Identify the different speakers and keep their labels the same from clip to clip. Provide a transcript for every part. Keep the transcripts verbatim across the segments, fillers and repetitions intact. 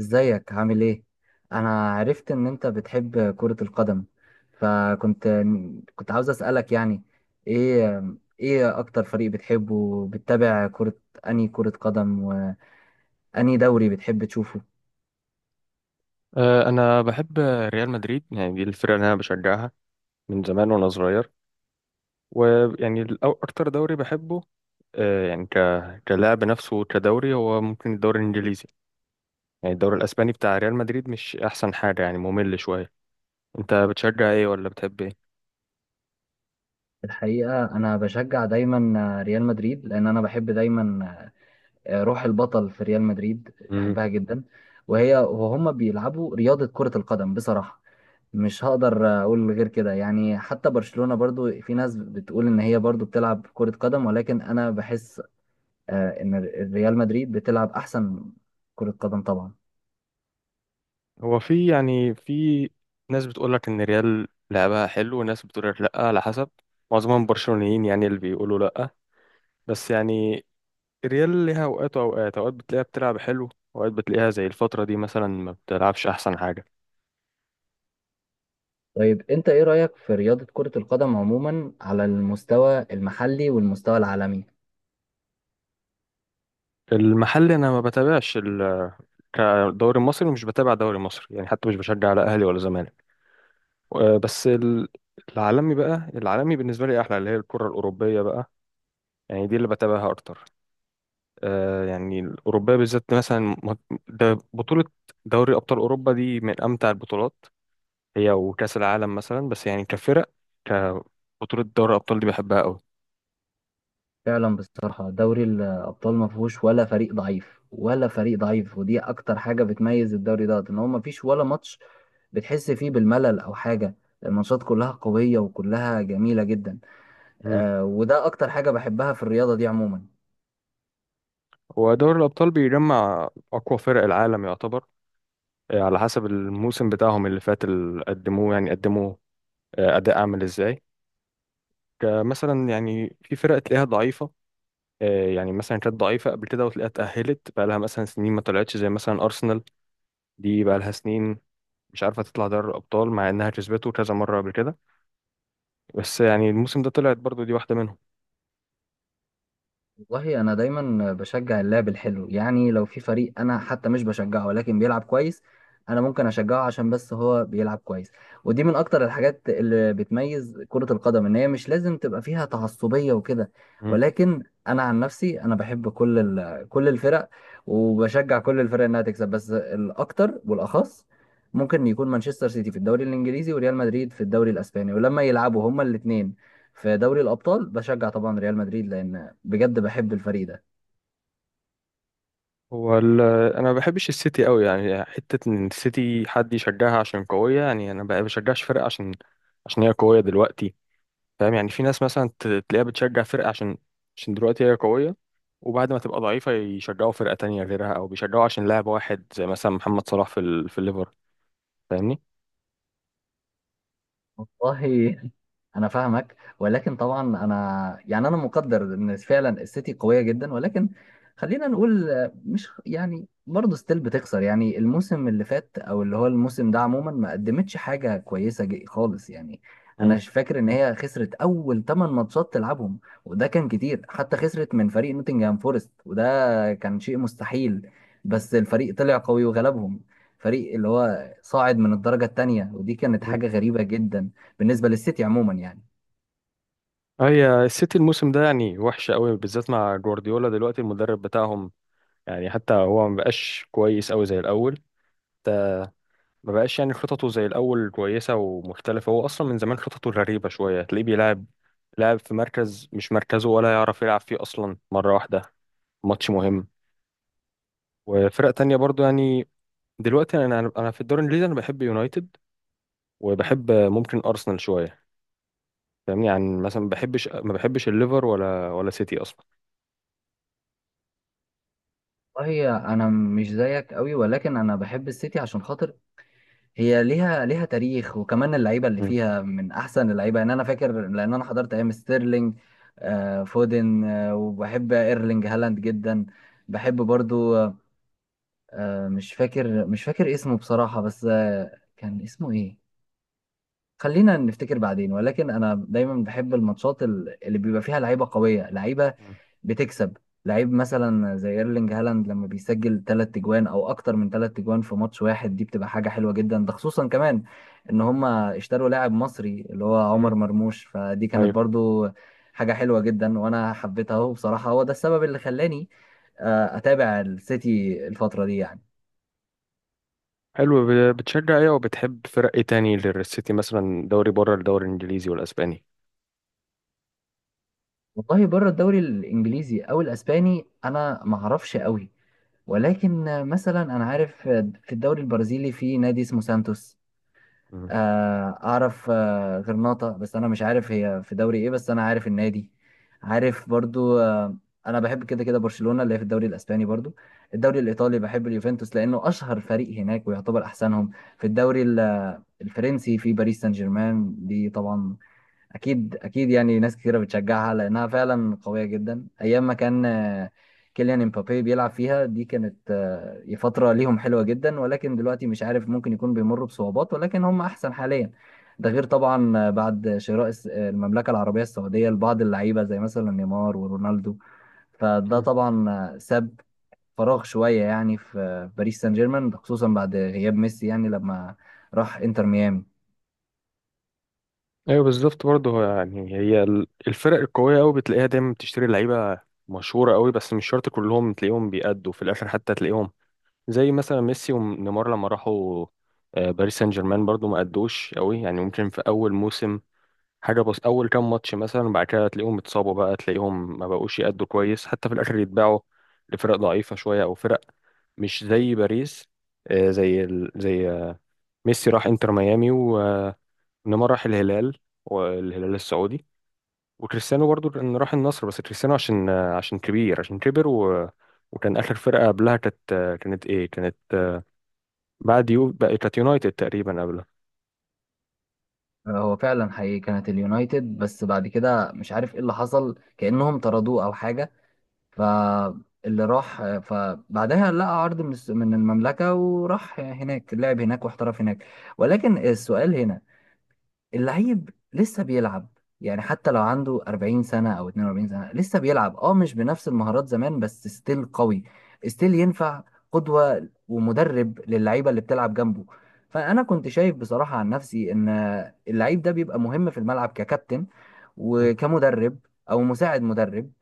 Speaker 1: ازيك، عامل ايه؟ انا عرفت ان انت بتحب كرة القدم. فكنت كنت عاوز اسألك، يعني ايه ايه اكتر فريق بتحبه، وبتتابع كرة، انهي كرة قدم وانهي دوري بتحب تشوفه؟
Speaker 2: آه، انا بحب ريال مدريد، يعني دي الفرقه اللي انا بشجعها من زمان وانا صغير. ويعني الأو- اكتر دوري بحبه، آه، يعني ك كلاعب نفسه. كدوري هو ممكن الدوري الانجليزي، يعني الدوري الاسباني بتاع ريال مدريد مش احسن حاجه، يعني ممل شويه. انت بتشجع ايه ولا بتحب
Speaker 1: الحقيقة انا بشجع دايما ريال مدريد، لان انا بحب دايما روح البطل في ريال مدريد،
Speaker 2: ايه؟
Speaker 1: بحبها جدا. وهي وهما بيلعبوا رياضة كرة القدم. بصراحة مش هقدر اقول غير كده، يعني حتى برشلونة برضو في ناس بتقول ان هي برضو بتلعب كرة قدم، ولكن انا بحس آه، ان ريال مدريد بتلعب احسن كرة قدم طبعا.
Speaker 2: هو في، يعني في ناس بتقول لك ان ريال لعبها حلو وناس بتقول لك لا، على حسب. معظمهم برشلونيين، يعني اللي بيقولوا لا. بس يعني ريال ليها اوقات، واوقات اوقات بتلاقيها بتلعب حلو، اوقات بتلاقيها زي الفترة دي مثلا ما بتلعبش احسن حاجة.
Speaker 1: طيب، انت ايه رأيك في رياضة كرة القدم عموما، على المستوى المحلي والمستوى العالمي؟
Speaker 2: المحل انا ما بتابعش ال- كدوري المصري، ومش بتابع دوري مصري، يعني حتى مش بشجع لا اهلي ولا زمالك. و- بس ال- العالمي بقى، العالمي بالنسبة لي احلى، اللي هي الكرة الاوروبية بقى، يعني دي اللي بتابعها اكتر. آه، يعني الأوروبية بالذات مثلا، م- ده بطولة دوري أبطال أوروبا دي من أمتع البطولات، هي وكأس العالم مثلا. بس يعني كفرق، كبطولة دوري الأبطال دي بحبها أوي.
Speaker 1: فعلا، بصراحة دوري الابطال ما فيهوش ولا فريق ضعيف ولا فريق ضعيف، ودي اكتر حاجة بتميز الدوري ده، ان هو ما فيش ولا ماتش بتحس فيه بالملل او حاجة. الماتشات كلها قوية وكلها جميلة جدا.
Speaker 2: مم.
Speaker 1: آه، وده اكتر حاجة بحبها في الرياضة دي عموما.
Speaker 2: ودوري الأبطال بيجمع أقوى فرق العالم يعتبر، آه، على حسب الموسم بتاعهم اللي فات اللي قدموه، يعني قدموا آه، أداء عامل إزاي. كمثلا يعني في فرق تلاقيها ضعيفة، آه، يعني مثلا كانت ضعيفة قبل كده وتلاقيها اتأهلت، بقى لها مثلا سنين ما طلعتش، زي مثلا أرسنال. دي بقى لها سنين مش عارفة تطلع دوري الأبطال، مع إنها كسبته كذا مرة قبل كده. بس يعني الموسم ده طلعت برضو، دي واحدة منهم.
Speaker 1: والله انا دايما بشجع اللعب الحلو، يعني لو في فريق انا حتى مش بشجعه ولكن بيلعب كويس، انا ممكن اشجعه عشان بس هو بيلعب كويس. ودي من اكتر الحاجات اللي بتميز كرة القدم، ان هي مش لازم تبقى فيها تعصبية وكده.
Speaker 2: مم.
Speaker 1: ولكن انا عن نفسي انا بحب كل ال- كل الفرق، وبشجع كل الفرق انها تكسب، بس الاكتر والاخص ممكن يكون مانشستر سيتي في الدوري الانجليزي وريال مدريد في الدوري الاسباني. ولما يلعبوا هما الاثنين في دوري الابطال، بشجع طبعا ريال مدريد، لان بجد بحب الفريق ده.
Speaker 2: هو ال- أنا ما بحبش السيتي قوي، يعني حتة إن السيتي حد يشجعها عشان قوية، يعني أنا ما بشجعش فرقة عشان عشان هي قوية دلوقتي. فاهم؟ يعني في ناس مثلا ت- تلاقيها بتشجع فرقة عشان عشان دلوقتي هي قوية، وبعد ما تبقى ضعيفة يشجعوا فرقة تانية غيرها، أو بيشجعوا عشان لاعب واحد زي مثلا محمد صلاح في ال... في الليفر. فاهمني؟
Speaker 1: والله، انا فاهمك، ولكن طبعا انا، يعني انا مقدر ان فعلا السيتي قويه جدا، ولكن خلينا نقول آه، مش، يعني برضه ستيل بتخسر، يعني الموسم اللي فات او اللي هو الموسم ده عموما ما قدمتش حاجه كويسه ج- خالص، يعني. انا مش فاكر ان هي خسرت اول تمان ماتشات تلعبهم، وده كان كتير. حتى خسرت من فريق نوتنجهام فورست، وده كان شيء مستحيل. بس الفريق طلع قوي وغلبهم، فريق اللي هو صاعد من الدرجة التانية، ودي كانت حاجة غريبة جدا بالنسبة للسيتي عموما، يعني.
Speaker 2: اه، هي السيتي الموسم ده يعني وحش قوي، بالذات مع جوارديولا دلوقتي المدرب بتاعهم. يعني حتى هو ما بقاش كويس قوي زي الاول، ما بقاش يعني خططه زي الاول كويسه ومختلفه. هو اصلا من زمان خططه غريبه شويه، تلاقيه بيلعب لاعب في مركز مش مركزه ولا يعرف يلعب فيه اصلا، مره واحده ماتش مهم. وفرق تانية برضو يعني. دلوقتي انا انا في الدوري الانجليزي انا بحب يونايتد، وبحب ممكن ارسنال شويه. فاهمني؟ يعني مثلا ما بحبش ما بحبش الليفر ولا ولا سيتي اصلا.
Speaker 1: والله انا مش زيك قوي، ولكن انا بحب السيتي عشان خاطر هي، ليها ليها تاريخ، وكمان اللعيبه اللي
Speaker 2: مم.
Speaker 1: فيها من احسن اللعيبه. يعني انا فاكر لان انا حضرت ايام ستيرلينج، آه، فودن، آه، وبحب ايرلينج هالاند جدا. بحب برضو، آه، مش فاكر مش فاكر اسمه بصراحه، بس آه، كان اسمه ايه. خلينا نفتكر بعدين. ولكن انا دايما بحب الماتشات ال- اللي بيبقى فيها لعيبه قويه، لعيبه
Speaker 2: مم.
Speaker 1: بتكسب. لعيب مثلا زي ايرلينج هالاند لما بيسجل تلات تجوان او اكتر من تلات تجوان في ماتش واحد، دي بتبقى حاجة حلوة جدا. ده خصوصا كمان ان هما اشتروا لاعب مصري اللي هو
Speaker 2: مم.
Speaker 1: عمر مرموش، فدي كانت
Speaker 2: ايوه.
Speaker 1: برضو حاجة حلوة جدا، وانا حبيتها اهو. بصراحة هو ده السبب اللي خلاني آه، اتابع السيتي الفترة دي، يعني.
Speaker 2: حلو، ب- بتشجع ايه وبتحب فرق ايه تاني غير السيتي، مثلا دوري بره الدوري الانجليزي والاسباني؟
Speaker 1: والله بره الدوري الانجليزي او الاسباني انا ما اعرفش قوي، ولكن آه، مثلا انا عارف آه، في الدوري البرازيلي في نادي اسمه سانتوس.
Speaker 2: مم.
Speaker 1: آه، اعرف آه، غرناطة، بس انا مش عارف هي في دوري ايه، بس انا عارف النادي. عارف برضو آه، انا بحب كده كده برشلونة، اللي هي في الدوري الاسباني برضو. الدوري الايطالي بحب اليوفنتوس، لانه اشهر فريق هناك ويعتبر احسنهم. في الدوري ال- الفرنسي في باريس سان جيرمان، دي طبعا اكيد اكيد، يعني ناس كثيره بتشجعها لانها فعلا قويه جدا، ايام ما كان آه، كيليان امبابي بيلعب فيها. دي كانت آه، فتره ليهم حلوه جدا، ولكن دلوقتي مش عارف، ممكن يكون بيمروا بصعوبات، ولكن هم احسن حاليا. ده غير طبعا آه، بعد شراء الس- آه، المملكه العربيه السعوديه لبعض اللعيبه زي مثلا نيمار ورونالدو. فده
Speaker 2: مم.
Speaker 1: طبعا آه، ساب فراغ شويه، يعني في آه، باريس سان جيرمان، خصوصا بعد غياب ميسي، يعني لما راح انتر ميامي.
Speaker 2: ايوه، بالظبط برضه. هو يعني هي ال- الفرق القويه قوي بتلاقيها دايما بتشتري لعيبه مشهوره قوي، بس مش شرط كلهم تلاقيهم بيأدوا في الاخر، حتى تلاقيهم زي مثلا ميسي ونيمار لما راحوا آه، باريس سان جيرمان برضه ما أدوش قوي. يعني ممكن في اول موسم حاجة، بس أول كام ماتش مثلا، بعد كده تلاقيهم اتصابوا بقى، تلاقيهم ما بقوش يأدوا كويس، حتى في الآخر يتباعوا لفرق ضعيفة شوية أو فرق مش زي باريس. آه، زي ال... زي، آه، ميسي راح انتر ميامي، ونيمار راح الهلال، والهلال السعودي. وكريستيانو برضو إن راح النصر، بس كريستيانو عشان آه، عشان كبير، عشان كبر و... وكان آخر فرقة قبلها كانت، آه، كانت إيه، كانت، آه، بعد يو بقى كانت يونايتد تقريبا قبلها.
Speaker 1: هو فعلا حقيقي كانت اليونايتد، بس بعد كده مش عارف ايه اللي حصل، كأنهم طردوه او حاجة. فاللي راح، فبعدها لقى عرض من الس- من المملكة، وراح هناك، لعب هناك واحترف هناك. ولكن السؤال هنا، اللعيب لسه بيلعب، يعني حتى لو عنده أربعين سنة أو اتنين وأربعين سنة لسه بيلعب، اه مش بنفس المهارات زمان، بس ستيل قوي، ستيل ينفع قدوة ومدرب للعيبة اللي بتلعب جنبه. فأنا كنت شايف بصراحة عن نفسي إن اللعيب ده بيبقى مهم في الملعب ككابتن، وكمدرب او مساعد مدرب،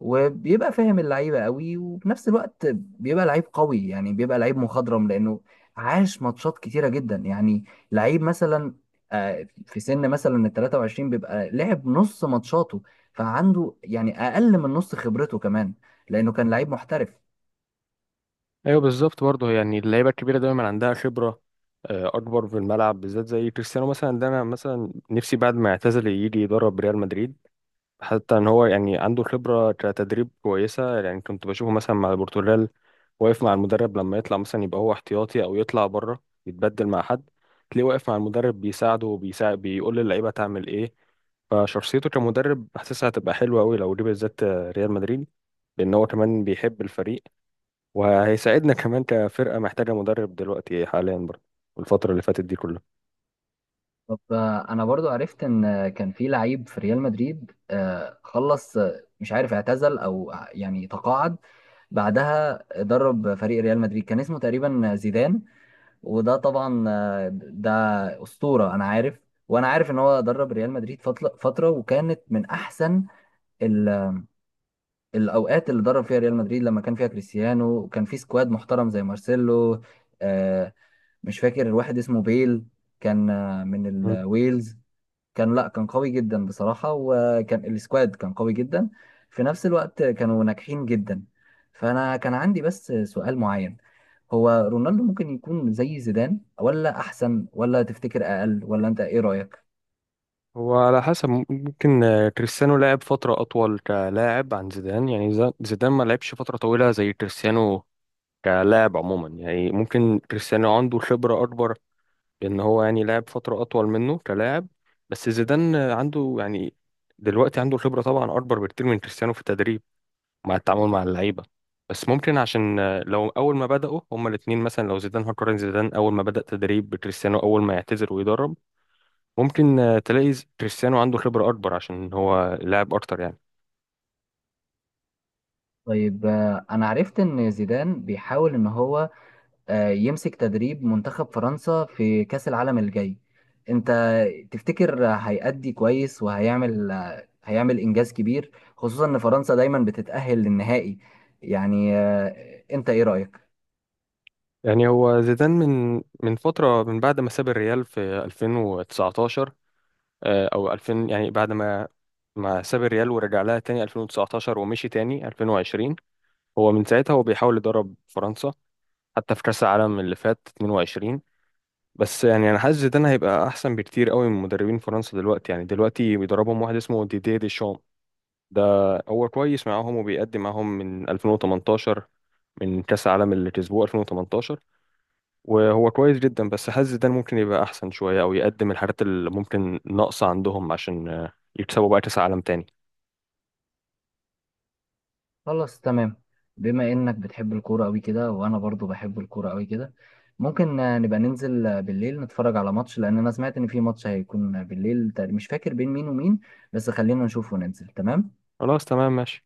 Speaker 1: وبيبقى فاهم اللعيبه قوي، وفي نفس الوقت بيبقى لعيب قوي، يعني بيبقى لعيب مخضرم لانه عاش ماتشات كتيره جدا، يعني لعيب مثلا آه، في سن مثلا ال تلاتة وعشرين بيبقى لعب نص ماتشاته، فعنده يعني اقل من نص خبرته كمان، لانه كان لعيب محترف.
Speaker 2: ايوه، بالظبط برضه، يعني اللعيبه الكبيره دايما عندها خبره آه، اكبر في الملعب، بالذات زي كريستيانو مثلا. ده انا مثلا نفسي بعد ما يعتزل يجي يدرب ريال مدريد، حتى ان هو يعني عنده خبره كتدريب كويسه. يعني كنت بشوفه مثلا مع البرتغال واقف مع المدرب، لما يطلع مثلا يبقى هو احتياطي او يطلع بره يتبدل مع حد، تلاقيه واقف مع المدرب بيساعده، وبيساعد بيقول للعيبه تعمل ايه. فشخصيته كمدرب حاسسها هتبقى حلوه قوي لو جه بالذات آه، ريال مدريد، لان هو كمان بيحب الفريق، وهيساعدنا كمان كفرقة محتاجة مدرب دلوقتي حاليا برضه، الفترة اللي فاتت دي كلها.
Speaker 1: طب آه، انا برضو عرفت ان آه، كان في لعيب في ريال مدريد آه، خلص، آه، مش عارف اعتزل او آه، يعني تقاعد، بعدها درب فريق ريال مدريد، كان اسمه تقريبا زيدان. وده طبعا آه، ده أسطورة انا عارف. وانا عارف ان هو درب ريال مدريد فتل- فترة، وكانت من احسن ال- الاوقات اللي درب فيها ريال مدريد، لما كان فيها كريستيانو وكان في سكواد محترم زي مارسيلو، آه، مش فاكر واحد اسمه بيل، كان آه، من
Speaker 2: مم.
Speaker 1: الويلز. كان لا كان قوي جدا بصراحة، وكان السكواد كان قوي جدا، في نفس الوقت كانوا ناجحين جدا. فأنا كان عندي بس سؤال معين، هو رونالدو ممكن يكون زي زيدان ولا أحسن ولا تفتكر أقل، ولا أنت إيه رأيك؟
Speaker 2: هو على حسب، ممكن آه، كريستيانو لعب فترة أطول كلاعب عن زيدان، يعني ز- زيدان ما لعبش فترة طويلة زي كريستيانو كلاعب عموما. يعني ممكن كريستيانو عنده خبرة أكبر، إن هو يعني لعب فترة أطول منه كلاعب. بس زيدان آه، عنده، يعني دلوقتي عنده خبرة طبعا أكبر بكتير من كريستيانو في التدريب، مع التعامل مع اللعيبه. بس ممكن عشان آه، لو اول ما بداوا هما الاثنين مثلا، لو زيدان، هقارن زيدان اول ما بدا تدريب بكريستيانو اول ما يعتزل ويدرب، ممكن آه، تلاقي ز- كريستيانو عنده خبره اكبر عشان هو لاعب اكتر يعني.
Speaker 1: طيب آه، أنا عرفت إن زيدان بيحاول إن هو آه، يمسك تدريب منتخب فرنسا في كأس العالم الجاي. انت تفتكر هيأدي كويس، وهيعمل آه، هيعمل إنجاز كبير، خصوصا ان فرنسا دايما بتتأهل للنهائي؟ يعني آه، انت ايه رأيك؟
Speaker 2: يعني هو زيدان من من فتره، من بعد ما ساب الريال في ألفين وتسعة عشر، آه، او ألفين، يعني بعد ما ما ساب الريال ورجع لها تاني ألفين وتسعة عشر ومشي تاني ألفين وعشرين. هو من ساعتها هو بيحاول يدرب فرنسا، حتى في كأس العالم اللي فات اتنين وعشرين. بس يعني انا حاسس زيدان هيبقى احسن بكتير قوي من مدربين فرنسا دلوقتي، يعني دلوقتي بيدربهم واحد اسمه ديديه ديشام. ده هو كويس معاهم وبيقدم معاهم من ألفين وتمنتاشر، من كاس العالم اللي كسبوه ألفين وتمنتاشر، وهو كويس جدا. بس حاسس زيدان ممكن يبقى احسن شويه او يقدم الحاجات اللي ممكن ناقصه عندهم عشان آه، يكسبوا بقى كاس عالم تاني.
Speaker 1: خلاص تمام. بما انك بتحب الكورة قوي كده، وانا برضو بحب الكورة قوي كده، ممكن آه، نبقى ننزل آه، بالليل نتفرج على ماتش، لان انا سمعت ان في ماتش هيكون بالليل تقريباً- مش فاكر بين مين ومين، بس خلينا نشوف وننزل تمام.
Speaker 2: خلاص، تمام، ماشي.